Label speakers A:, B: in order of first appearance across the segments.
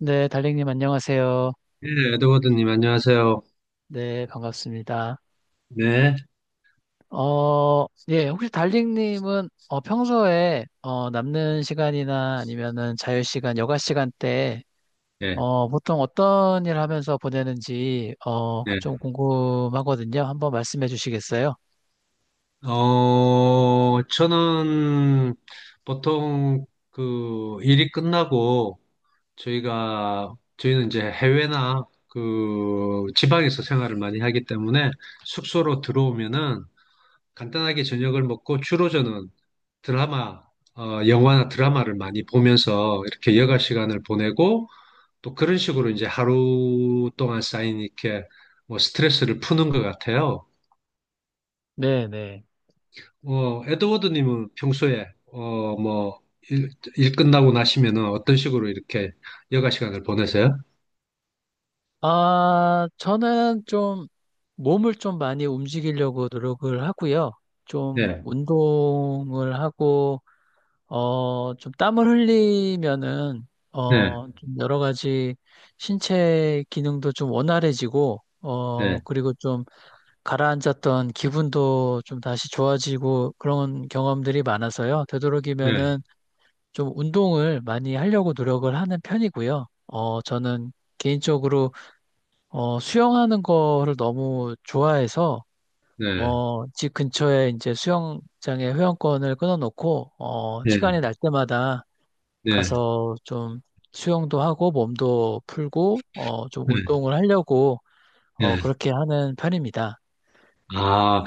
A: 네, 달링님 안녕하세요.
B: 네, 에드워드님, 안녕하세요.
A: 네, 반갑습니다.
B: 네,
A: 예, 혹시 달링님은 평소에 남는 시간이나 아니면은 자유 시간, 여가 시간 때
B: 예,
A: 보통 어떤 일 하면서 보내는지
B: 예.
A: 좀 궁금하거든요. 한번 말씀해 주시겠어요?
B: 저는 보통 그 일이 끝나고 저희는 이제 해외나 그 지방에서 생활을 많이 하기 때문에 숙소로 들어오면은 간단하게 저녁을 먹고 주로 저는 드라마, 영화나 드라마를 많이 보면서 이렇게 여가 시간을 보내고 또 그런 식으로 이제 하루 동안 쌓인 이렇게 뭐 스트레스를 푸는 것 같아요.
A: 네, 네.
B: 에드워드님은 평소에 뭐 일, 일 끝나고 나시면은 어떤 식으로 이렇게 여가 시간을 보내세요?
A: 아, 저는 좀 몸을 좀 많이 움직이려고 노력을 하고요. 좀
B: 네,
A: 운동을 하고 좀 땀을 흘리면은,
B: 네,
A: 좀 여러 가지 신체 기능도 좀 원활해지고,
B: 네,
A: 그리고 좀 가라앉았던 기분도 좀 다시 좋아지고 그런 경험들이 많아서요.
B: 네,
A: 되도록이면은 좀 운동을 많이 하려고 노력을 하는 편이고요. 저는 개인적으로, 수영하는 거를 너무 좋아해서,
B: 네,
A: 집 근처에 이제 수영장에 회원권을 끊어놓고,
B: 네,
A: 시간이 날 때마다
B: 네,
A: 가서 좀 수영도 하고 몸도 풀고 좀
B: 네,
A: 운동을 하려고
B: 네.
A: 그렇게 하는 편입니다.
B: 아,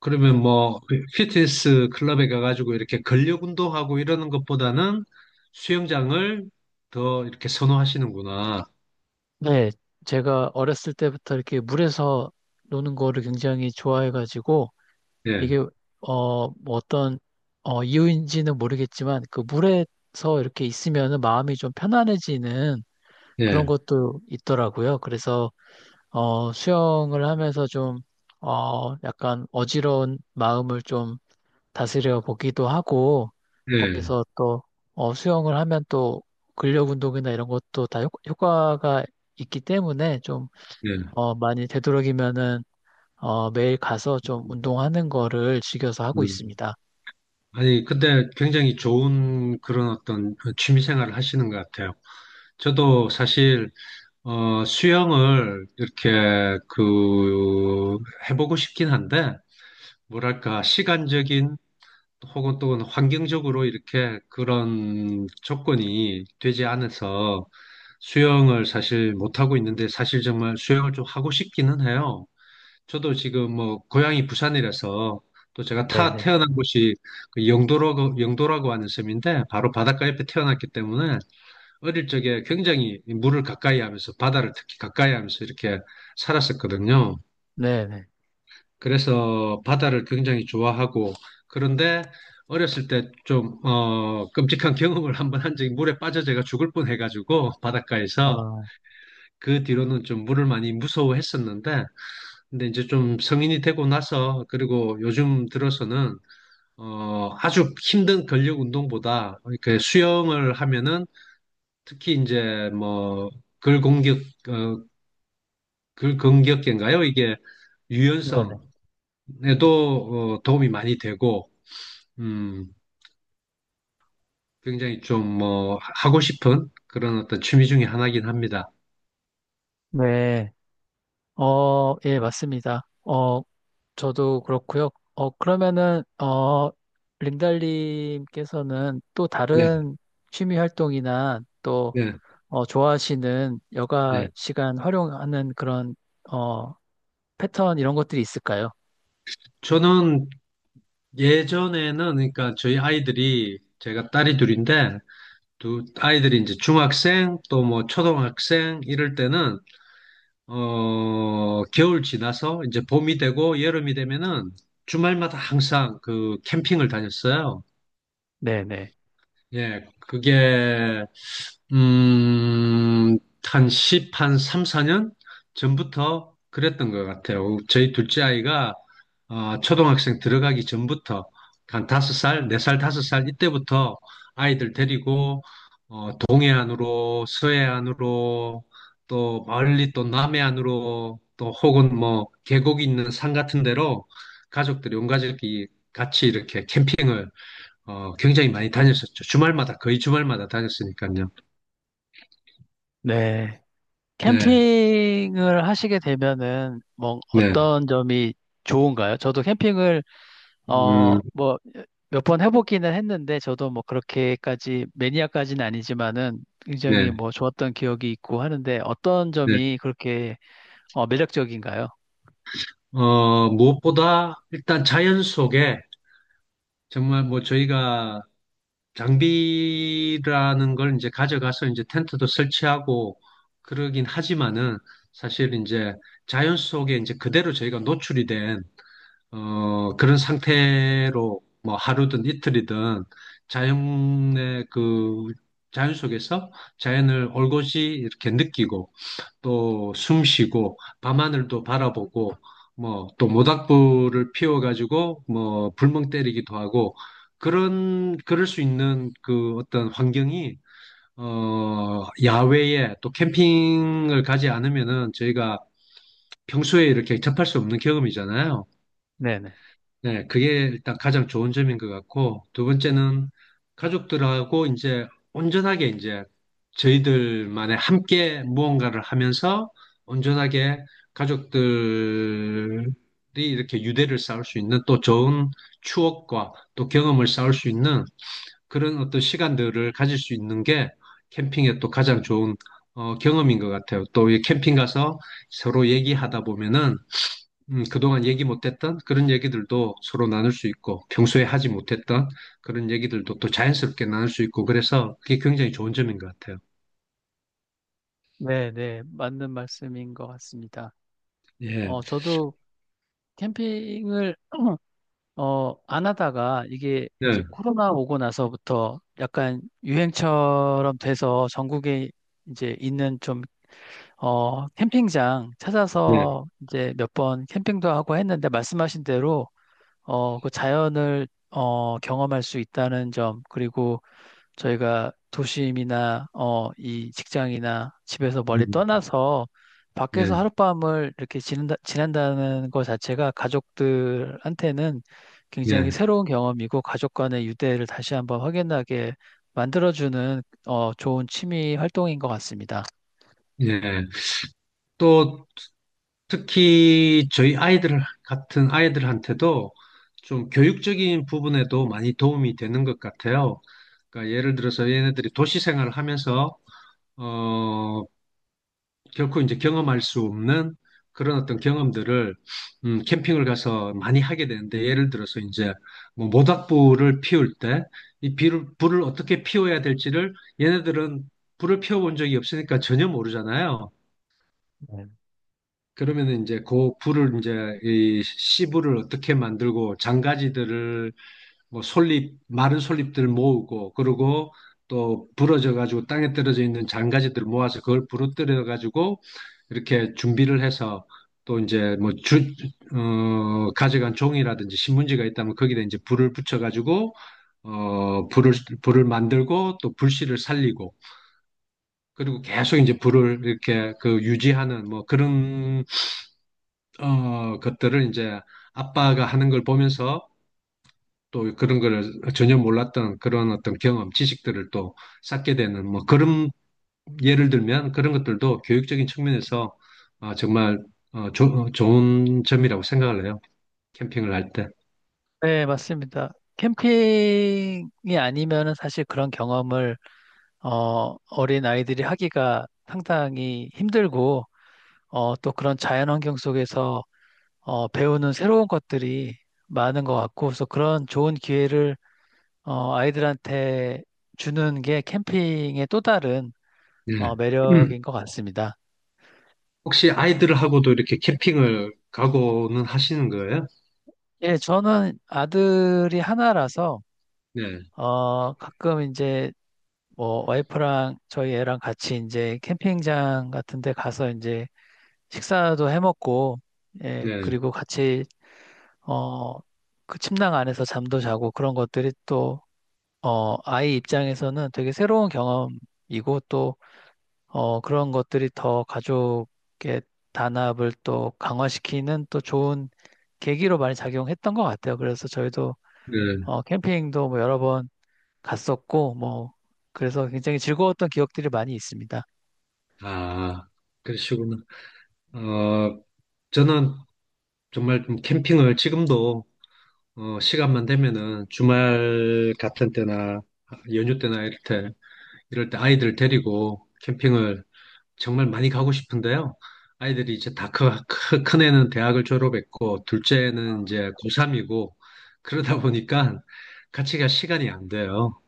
B: 그러면
A: 네,
B: 뭐 피트니스 클럽에 가가지고 이렇게 근력 운동하고 이러는 것보다는 수영장을 더 이렇게 선호하시는구나.
A: 네, 제가 어렸을 때부터 이렇게 물에서 노는 거를 굉장히 좋아해가지고
B: 예,
A: 이게 어, 뭐 어떤 이유인지는 모르겠지만 그 물에서 이렇게 있으면은 마음이 좀 편안해지는 그런
B: 예,
A: 것도 있더라고요. 그래서 수영을 하면서 좀 약간 어지러운 마음을 좀 다스려 보기도 하고
B: 예,
A: 거기서 또 수영을 하면 또 근력 운동이나 이런 것도 다 효과가 있기 때문에 좀
B: 예.
A: 많이 되도록이면은 매일 가서 좀
B: 음.
A: 운동하는 거를 즐겨서 하고
B: 음.
A: 있습니다.
B: 아니, 근데 굉장히 좋은 그런 어떤 취미 생활을 하시는 것 같아요. 저도 사실, 수영을 이렇게 그, 해보고 싶긴 한데, 뭐랄까, 시간적인 혹은 또는 환경적으로 이렇게 그런 조건이 되지 않아서 수영을 사실 못하고 있는데, 사실 정말 수영을 좀 하고 싶기는 해요. 저도 지금 뭐 고향이 부산이라서 또 제가 타
A: 네네.
B: 태어난 곳이 그 영도라고 하는 섬인데 바로 바닷가 옆에 태어났기 때문에 어릴 적에 굉장히 물을 가까이 하면서 바다를 특히 가까이 하면서 이렇게 살았었거든요.
A: 네네.
B: 그래서 바다를 굉장히 좋아하고, 그런데 어렸을 때 좀 끔찍한 경험을 한번 한 적이, 물에 빠져 제가 죽을 뻔 해가지고 바닷가에서,
A: 어,
B: 그 뒤로는 좀 물을 많이 무서워했었는데 근데 이제 좀 성인이 되고 나서 그리고 요즘 들어서는 아주 힘든 근력 운동보다 이렇게 수영을 하면은 특히 이제 뭐 근공격 어 근근격계인가요? 이게
A: 네네.
B: 유연성에도 도움이 많이 되고, 음 굉장히 좀 뭐 하고 싶은 그런 어떤 취미 중에 하나긴 합니다.
A: 네. 예, 맞습니다. 어, 저도 그렇고요. 그러면은 린달님께서는 또
B: 네,
A: 다른 취미 활동이나 또
B: 네,
A: 좋아하시는 여가
B: 네.
A: 시간 활용하는 그런 어, 패턴 이런 것들이 있을까요?
B: 저는 예전에는, 그러니까 저희 아이들이, 제가 딸이 둘인데 두 아이들이 이제 중학생 또 뭐 초등학생 이럴 때는 겨울 지나서 이제 봄이 되고 여름이 되면은 주말마다 항상 그 캠핑을 다녔어요.
A: 네네.
B: 예, 그게, 음, 한 10, 한 3, 4년 전부터 그랬던 것 같아요. 저희 둘째 아이가 초등학생 들어가기 전부터, 한 5살, 4살, 5살, 이때부터 아이들 데리고 동해안으로, 서해안으로, 또 멀리 또 남해안으로, 또 혹은 뭐 계곡이 있는 산 같은 데로 가족들이, 온 가족이 같이 이렇게 캠핑을 굉장히 많이 다녔었죠. 주말마다, 거의 주말마다 다녔으니까요.
A: 네.
B: 네,
A: 캠핑을 하시게 되면은 뭐
B: 네,
A: 어떤 점이 좋은가요? 저도 캠핑을 어,
B: 음,
A: 뭐 몇 번 해보기는 했는데 저도 뭐 그렇게까지 매니아까지는 아니지만은
B: 네,
A: 굉장히 뭐 좋았던 기억이 있고 하는데 어떤
B: 네.
A: 점이 그렇게 매력적인가요?
B: 무엇보다 일단 자연 속에 정말, 뭐 저희가 장비라는 걸 이제 가져가서 이제 텐트도 설치하고 그러긴 하지만은 사실 이제 자연 속에 이제 그대로 저희가 노출이 된 그런 상태로 뭐 하루든 이틀이든 자연의 그 자연 속에서 자연을 올곧이 이렇게 느끼고 또 숨 쉬고 밤하늘도 바라보고 뭐 또 모닥불을 피워가지고 뭐 불멍 때리기도 하고 그런 그럴 수 있는 그 어떤 환경이, 야외에 또 캠핑을 가지 않으면은 저희가 평소에 이렇게 접할 수 없는 경험이잖아요.
A: 네네.
B: 네, 그게 일단 가장 좋은 점인 것 같고, 두 번째는 가족들하고 이제 온전하게 이제 저희들만의 함께 무언가를 하면서 온전하게 가족들이 이렇게 유대를 쌓을 수 있는 또 좋은 추억과 또 경험을 쌓을 수 있는 그런 어떤 시간들을 가질 수 있는 게 캠핑의 또 가장 좋은 경험인 것 같아요. 또 이 캠핑 가서 서로 얘기하다 보면은 그동안 얘기 못했던 그런 얘기들도 서로 나눌 수 있고, 평소에 하지 못했던 그런 얘기들도 또 자연스럽게 나눌 수 있고, 그래서 그게 굉장히 좋은 점인 것 같아요.
A: 네네. 맞는 말씀인 것 같습니다.
B: 예,
A: 저도 캠핑을 안 하다가 이게 이제
B: 예,
A: 코로나 오고 나서부터 약간 유행처럼 돼서 전국에 이제 있는 캠핑장
B: 예,
A: 찾아서 이제 몇 번 캠핑도 하고 했는데 말씀하신 대로, 그 자연을, 경험할 수 있다는 점, 그리고 저희가 도심이나 이 직장이나 집에서 멀리
B: 음,
A: 떠나서
B: 예,
A: 밖에서 하룻밤을 이렇게 지낸다는 것 자체가 가족들한테는
B: 예,
A: 굉장히 새로운 경험이고 가족 간의 유대를 다시 한번 확인하게 만들어주는 좋은 취미 활동인 것 같습니다.
B: 예. 또 특히 저희 아이들 같은 아이들한테도 좀 교육적인 부분에도 많이 도움이 되는 것 같아요. 그러니까 예를 들어서 얘네들이 도시 생활을 하면서 어, 결코 이제 경험할 수 없는 그런 어떤 경험들을, 캠핑을 가서 많이 하게 되는데, 예를 들어서 이제 뭐 모닥불을 피울 때 이 비를 불을 어떻게 피워야 될지를, 얘네들은 불을 피워본 적이 없으니까 전혀 모르잖아요.
A: 네.
B: 그러면 이제 그 불을, 이제 이 씨불을 어떻게 만들고 장가지들을 뭐 솔잎, 마른 솔잎들 모으고, 그리고 또 부러져 가지고 땅에 떨어져 있는 장가지들 모아서 그걸 부러뜨려 가지고 이렇게 준비를 해서, 또 이제 뭐 가져간 종이라든지 신문지가 있다면 거기다 이제 불을 붙여 가지고 어, 불을, 불을 만들고 또 불씨를 살리고, 그리고 계속 이제 불을 이렇게 그 유지하는 뭐 그런 것들을 이제 아빠가 하는 걸 보면서 또 그런 거를 전혀 몰랐던 그런 어떤 경험, 지식들을 또 쌓게 되는 뭐 그런, 예를 들면 그런 것들도 교육적인 측면에서 정말 좋은 점이라고 생각을 해요. 캠핑을 할 때.
A: 네, 맞습니다. 캠핑이 아니면은 사실 그런 경험을 어린 아이들이 하기가 상당히 힘들고 또 그런 자연 환경 속에서 배우는 새로운 것들이 많은 것 같고, 그래서 그런 좋은 기회를 아이들한테 주는 게 캠핑의 또 다른
B: 네.
A: 매력인 것 같습니다.
B: 혹시 아이들하고도 이렇게 캠핑을 가고는 하시는 거예요?
A: 예, 저는 아들이 하나라서
B: 네,
A: 가끔 이제 뭐 와이프랑 저희 애랑 같이 이제 캠핑장 같은 데 가서 이제 식사도 해 먹고, 예,
B: 네,
A: 그리고 같이 어, 그 침낭 안에서 잠도 자고 그런 것들이 또 아이 입장에서는 되게 새로운 경험이고 또, 그런 것들이 더 가족의 단합을 또 강화시키는 또 좋은 계기로 많이 작용했던 것 같아요. 그래서 저희도,
B: 네.
A: 캠핑도 뭐 여러 번 갔었고, 뭐, 그래서 굉장히 즐거웠던 기억들이 많이 있습니다.
B: 아, 그러시구나. 어, 저는 정말 좀 캠핑을 지금도 시간만 되면은 주말 같은 때나 연휴 때나 이럴 때 아이들 데리고 캠핑을 정말 많이 가고 싶은데요. 아이들이 이제 다 큰 애는 대학을 졸업했고, 둘째는 이제 고3이고, 그러다 보니까 같이 갈 시간이 안 돼요.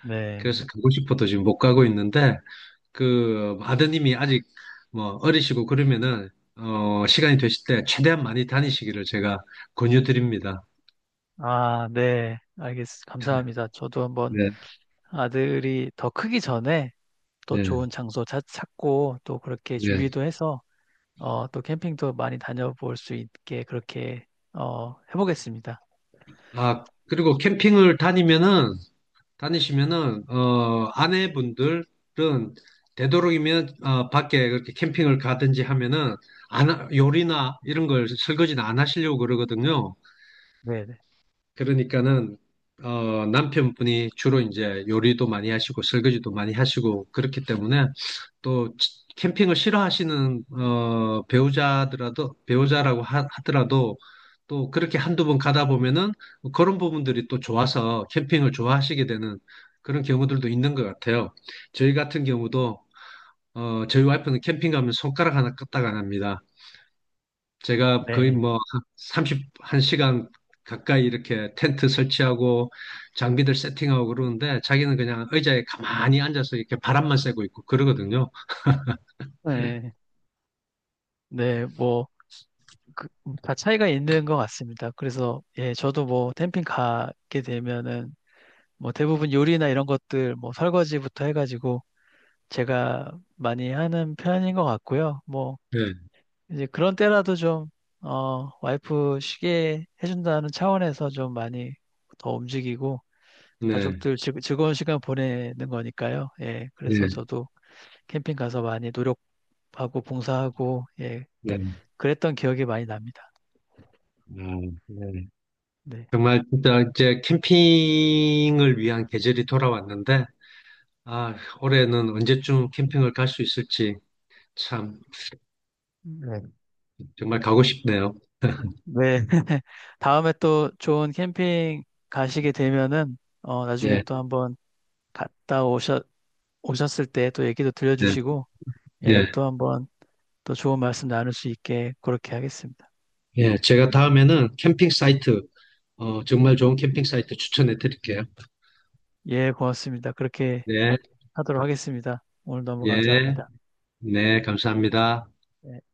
A: 네.
B: 그래서 가고 싶어도 지금 못 가고 있는데, 그 아드님이 아직 뭐 어리시고 그러면은 시간이 되실 때 최대한 많이 다니시기를 제가 권유드립니다.
A: 아, 네. 감사합니다. 저도 한번
B: 네,
A: 아들이 더 크기 전에 또
B: 네,
A: 좋은 장소 찾고 또 그렇게
B: 네.
A: 준비도 해서 또 캠핑도 많이 다녀볼 수 있게 그렇게 해보겠습니다.
B: 아, 그리고 캠핑을 다니면은, 다니시면은, 아내분들은 되도록이면 밖에 그렇게 캠핑을 가든지 하면은, 안, 하- 요리나 이런 걸, 설거지는 안 하시려고 그러거든요.
A: 네, 네,
B: 그러니까는 남편분이 주로 이제 요리도 많이 하시고, 설거지도 많이 하시고, 그렇기 때문에, 또 캠핑을 싫어하시는 배우자더라도, 배우자라고 하, 더라도또 그렇게 한두 번 가다 보면은 그런 부분들이 또 좋아서 캠핑을 좋아하시게 되는 그런 경우들도 있는 것 같아요. 저희 같은 경우도 저희 와이프는 캠핑 가면 손가락 하나 까딱 안 합니다. 제가 거의
A: 네,
B: 뭐 31시간 가까이 이렇게 텐트 설치하고 장비들 세팅하고 그러는데, 자기는 그냥 의자에 가만히 앉아서 이렇게 바람만 쐬고 있고 그러거든요.
A: 네, 네, 뭐, 그, 다 차이가 있는 것 같습니다. 그래서 예, 저도 뭐 캠핑 가게 되면은 뭐 대부분 요리나 이런 것들 뭐 설거지부터 해가지고 제가 많이 하는 편인 것 같고요. 뭐
B: 네.
A: 이제 그런 때라도 좀 와이프 쉬게 해준다는 차원에서 좀 많이 더 움직이고.
B: 네.
A: 가족들 즐거운 시간 보내는 거니까요. 예, 그래서
B: 네,
A: 저도 캠핑 가서 많이 노력하고 봉사하고 예,
B: 네,
A: 그랬던 기억이 많이 납니다.
B: 아, 네.
A: 네.
B: 정말 진짜 이제 캠핑을 위한 계절이 돌아왔는데, 아, 올해는 언제쯤 캠핑을 갈 수 있을지, 참,
A: 네.
B: 정말 가고 싶네요.
A: 네. 다음에 또 좋은 캠핑 가시게 되면은 나중에
B: 예,
A: 또 한번 갔다 오셨 오셨을 때 또 얘기도
B: 네,
A: 들려주시고 예,
B: 예,
A: 또 한번 또 좋은 말씀 나눌 수 있게 그렇게 하겠습니다.
B: 예. 제가 다음에는 캠핑 사이트, 정말 좋은 캠핑 사이트 추천해 드릴게요.
A: 예, 고맙습니다. 그렇게
B: 네,
A: 하도록 하겠습니다. 오늘 너무
B: 예,
A: 감사합니다.
B: 네, 감사합니다.
A: 예.